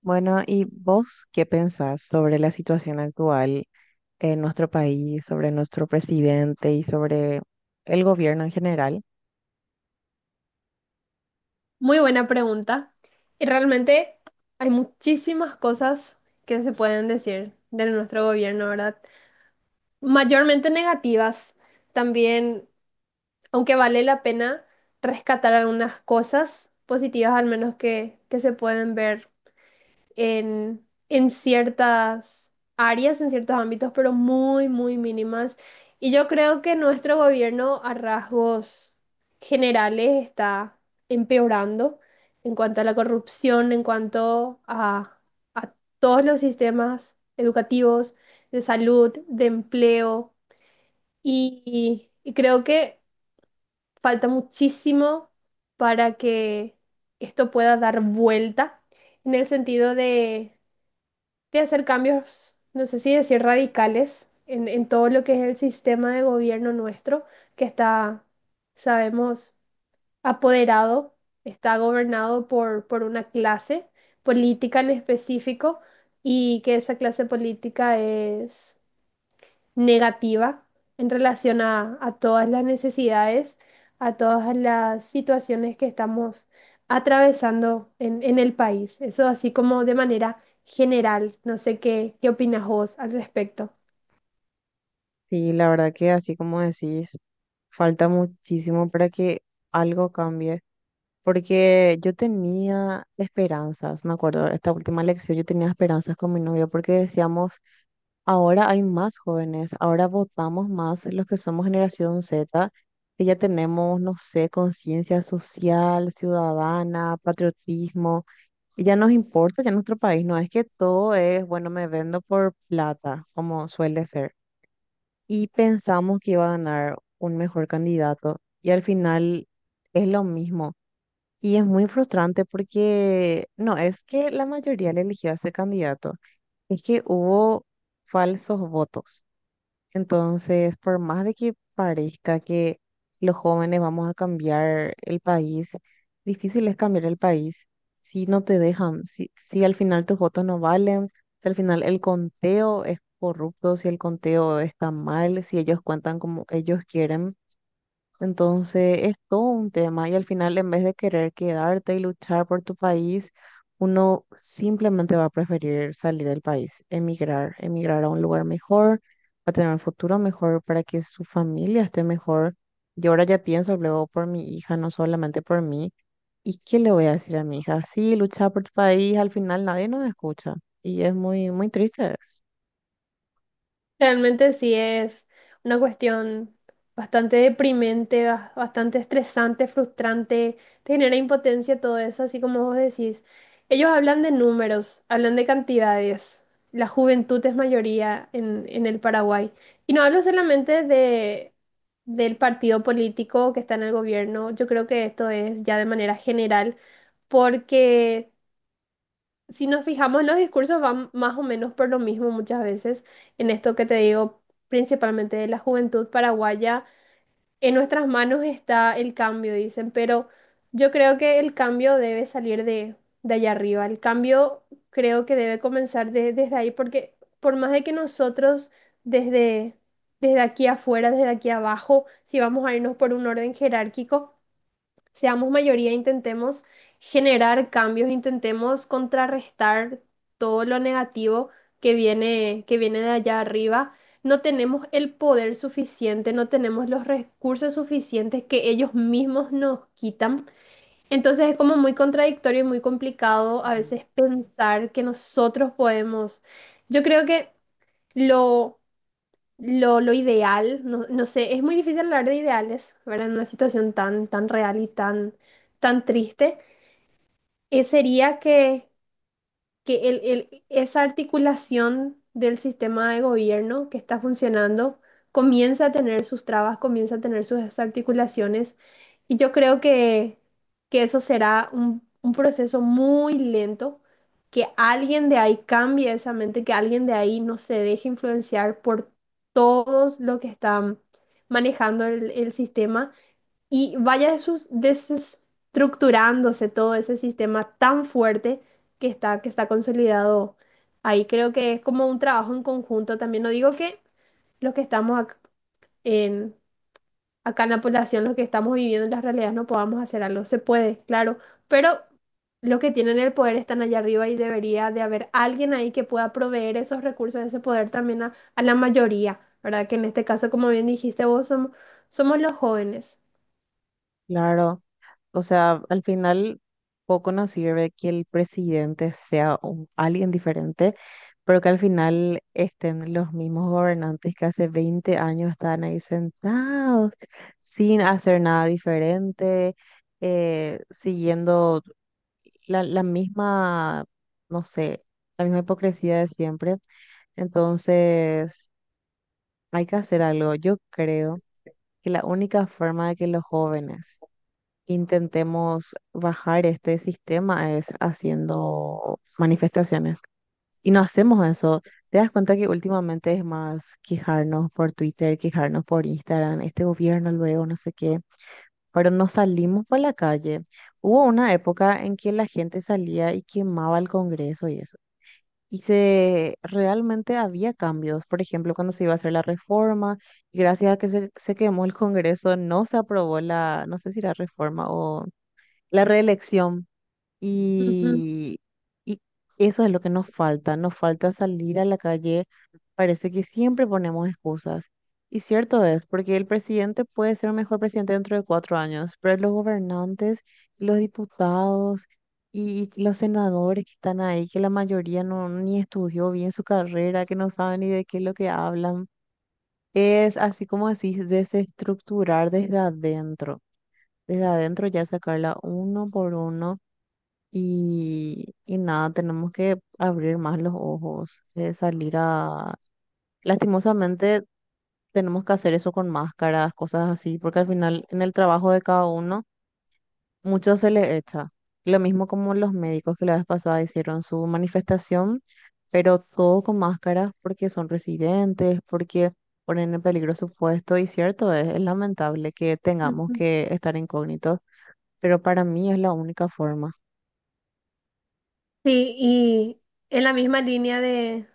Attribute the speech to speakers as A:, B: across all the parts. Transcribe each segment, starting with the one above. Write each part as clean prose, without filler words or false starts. A: Bueno, ¿y vos qué pensás sobre la situación actual en nuestro país, sobre nuestro presidente y sobre el gobierno en general?
B: Muy buena pregunta. Y realmente hay muchísimas cosas que se pueden decir de nuestro gobierno, ¿verdad? Mayormente negativas. También, aunque vale la pena rescatar algunas cosas positivas, al menos que se pueden ver en ciertas áreas, en ciertos ámbitos, pero muy, muy mínimas. Y yo creo que nuestro gobierno a rasgos generales está empeorando en cuanto a la corrupción, en cuanto a todos los sistemas educativos, de salud, de empleo. Y creo que falta muchísimo para que esto pueda dar vuelta en el sentido de hacer cambios, no sé si decir radicales, en todo lo que es el sistema de gobierno nuestro, que está, sabemos, apoderado, está gobernado por una clase política en específico y que esa clase política es negativa en relación a todas las necesidades, a todas las situaciones que estamos atravesando en el país. Eso así como de manera general. No sé qué opinas vos al respecto.
A: Sí, la verdad que así como decís, falta muchísimo para que algo cambie. Porque yo tenía esperanzas, me acuerdo, esta última lección yo tenía esperanzas con mi novio porque decíamos, ahora hay más jóvenes, ahora votamos más los que somos generación Z, que ya tenemos, no sé, conciencia social, ciudadana, patriotismo, y ya nos importa, ya nuestro país, no es que todo es, bueno, me vendo por plata, como suele ser. Y pensamos que iba a ganar un mejor candidato y al final es lo mismo. Y es muy frustrante porque no es que la mayoría le eligió a ese candidato, es que hubo falsos votos. Entonces, por más de que parezca que los jóvenes vamos a cambiar el país, difícil es cambiar el país si no te dejan, si al final tus votos no valen, si al final el conteo es corrupto, si el conteo está mal, si ellos cuentan como ellos quieren. Entonces es todo un tema y al final en vez de querer quedarte y luchar por tu país, uno simplemente va a preferir salir del país, emigrar, emigrar a un lugar mejor, a tener un futuro mejor para que su familia esté mejor. Yo ahora ya pienso luego por mi hija, no solamente por mí. ¿Y qué le voy a decir a mi hija? Sí, lucha por tu país, al final nadie nos escucha y es muy, muy triste.
B: Realmente sí es una cuestión bastante deprimente, bastante estresante, frustrante, te genera impotencia todo eso, así como vos decís. Ellos hablan de números, hablan de cantidades. La juventud es mayoría en el Paraguay. Y no hablo solamente del partido político que está en el gobierno, yo creo que esto es ya de manera general, porque... Si nos fijamos, los discursos van más o menos por lo mismo muchas veces, en esto que te digo, principalmente de la juventud paraguaya, en nuestras manos está el cambio, dicen, pero yo creo que el cambio debe salir de allá arriba, el cambio creo que debe comenzar desde ahí, porque por más de que nosotros desde, desde aquí afuera, desde aquí abajo, si vamos a irnos por un orden jerárquico, seamos mayoría, intentemos generar cambios, intentemos contrarrestar todo lo negativo que viene de allá arriba. No tenemos el poder suficiente, no tenemos los recursos suficientes que ellos mismos nos quitan. Entonces es como muy contradictorio y muy complicado a
A: Mm.
B: veces pensar que nosotros podemos. Yo creo que lo lo ideal, no sé, es muy difícil hablar de ideales, ¿verdad? En una situación tan, tan real y tan, tan triste, sería que esa articulación del sistema de gobierno que está funcionando comienza a tener sus trabas, comienza a tener sus desarticulaciones y yo creo que eso será un proceso muy lento, que alguien de ahí cambie esa mente, que alguien de ahí no se deje influenciar por todos los que están manejando el sistema y vaya desestructurándose todo ese sistema tan fuerte que está consolidado ahí. Creo que es como un trabajo en conjunto también. No digo que los que estamos en, acá en la población, los que estamos viviendo en las realidades, no podamos hacer algo. Se puede, claro, pero los que tienen el poder están allá arriba y debería de haber alguien ahí que pueda proveer esos recursos, ese poder también a la mayoría, ¿verdad? Que en este caso, como bien dijiste vos, somos los jóvenes.
A: Claro. O sea, al final poco nos sirve que el presidente sea alguien diferente, pero que al final estén los mismos gobernantes que hace 20 años están ahí sentados sin hacer nada diferente, siguiendo la misma, no sé, la misma hipocresía de siempre. Entonces, hay que hacer algo. Yo creo que la única forma de que los jóvenes intentemos bajar este sistema es haciendo manifestaciones. Y no hacemos eso. ¿Te das cuenta que últimamente es más quejarnos por Twitter, quejarnos por Instagram, este gobierno luego, no sé qué? Pero no salimos por la calle. Hubo una época en que la gente salía y quemaba el Congreso y eso. Y se realmente había cambios. Por ejemplo, cuando se iba a hacer la reforma, y gracias a que se quemó el Congreso, no se aprobó la, no sé si la reforma o la reelección.
B: Ujú,
A: Y, y eso es lo que nos falta. Nos falta salir a la calle. Parece que siempre ponemos excusas. Y cierto es, porque el presidente puede ser un mejor presidente dentro de 4 años, pero los gobernantes, los diputados y los senadores que están ahí, que la mayoría no ni estudió bien su carrera, que no saben ni de qué es lo que hablan, es así como decís, desestructurar desde adentro. Desde adentro ya sacarla uno por uno y nada, tenemos que abrir más los ojos, salir a. Lastimosamente tenemos que hacer eso con máscaras, cosas así, porque al final en el trabajo de cada uno mucho se le echa. Lo mismo como los médicos que la vez pasada hicieron su manifestación, pero todo con máscaras porque son residentes, porque ponen en peligro su puesto y cierto, es lamentable que tengamos
B: ujú.
A: que estar incógnitos, pero para mí es la única forma.
B: Sí, y en la misma línea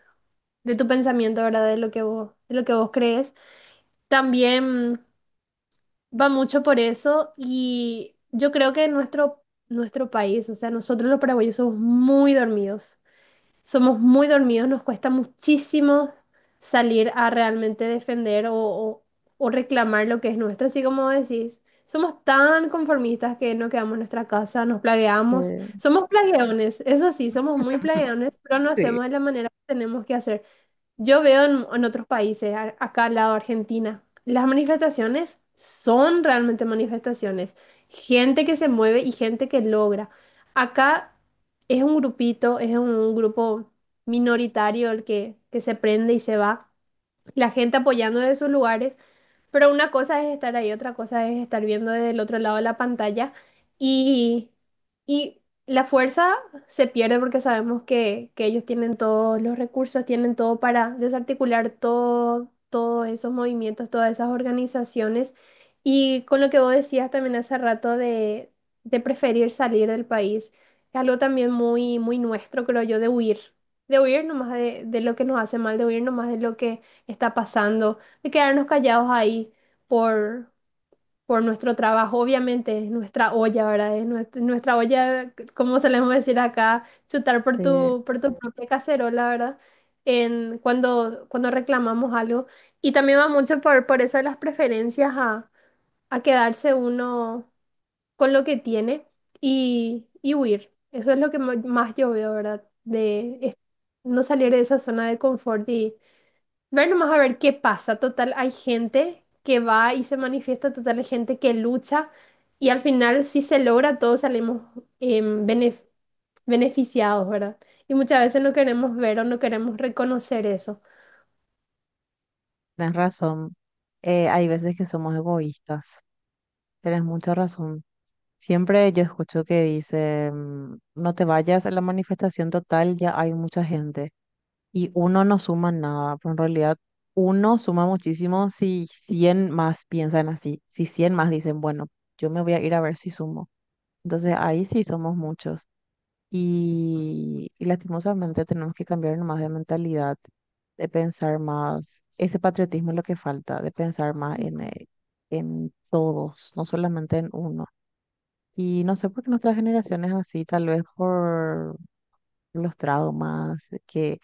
B: de tu pensamiento, ¿verdad? De lo que vos, de lo que vos crees. También va mucho por eso y yo creo que nuestro país, o sea, nosotros los paraguayos somos muy dormidos. Somos muy dormidos, nos cuesta muchísimo salir a realmente defender o reclamar lo que es nuestro. Así como decís, somos tan conformistas que no quedamos en nuestra casa, nos plagueamos.
A: Sí.
B: Somos plagueones, eso sí, somos muy plagueones, pero no
A: Sí.
B: hacemos de la manera que tenemos que hacer. Yo veo en otros países, acá al lado de Argentina, las manifestaciones son realmente manifestaciones. Gente que se mueve y gente que logra. Acá es un grupito, es un grupo minoritario que se prende y se va. La gente apoyando desde sus lugares, pero una cosa es estar ahí, otra cosa es estar viendo desde el otro lado de la pantalla y, y la fuerza se pierde porque sabemos que ellos tienen todos los recursos, tienen todo para desarticular todo, todos esos movimientos, todas esas organizaciones. Y con lo que vos decías también hace rato de preferir salir del país, es algo también muy, muy nuestro, creo yo, de huir nomás de lo que nos hace mal, de huir nomás de lo que está pasando de quedarnos callados ahí por, por nuestro trabajo. Obviamente es nuestra olla, ¿verdad? Es nuestra olla, como solemos decir acá, chutar
A: Sí,
B: por tu propia cacerola, ¿verdad? Cuando reclamamos algo. Y también va mucho por eso de las preferencias a quedarse uno con lo que tiene y huir. Eso es lo que más yo veo, ¿verdad? No salir de esa zona de confort. Ver nomás a ver qué pasa. Total, hay gente que va y se manifiesta, total, hay gente que lucha y al final si se logra todos salimos em, benef- beneficiados, ¿verdad? Y muchas veces no queremos ver o no queremos reconocer eso.
A: tienes razón. Hay veces que somos egoístas. Tienes mucha razón. Siempre yo escucho que dice, no te vayas a la manifestación total, ya hay mucha gente. Y uno no suma nada, pero en realidad uno suma muchísimo si 100 más piensan así, si 100 más dicen, bueno, yo me voy a ir a ver si sumo. Entonces ahí sí somos muchos. Y lastimosamente tenemos que cambiar más de mentalidad, de pensar más, ese patriotismo es lo que falta, de pensar más
B: Ujú.
A: en todos, no solamente en uno. Y no sé por qué nuestra generación es así, tal vez por los traumas que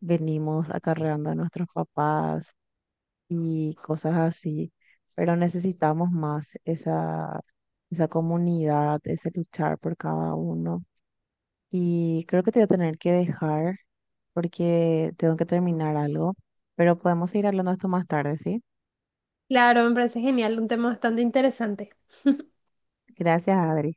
A: venimos acarreando a nuestros papás y cosas así, pero necesitamos más esa comunidad, ese luchar por cada uno. Y creo que te voy a tener que dejar porque tengo que terminar algo, pero podemos seguir hablando de esto más tarde, ¿sí?
B: Claro, me parece genial, un tema bastante interesante.
A: Gracias, Adri.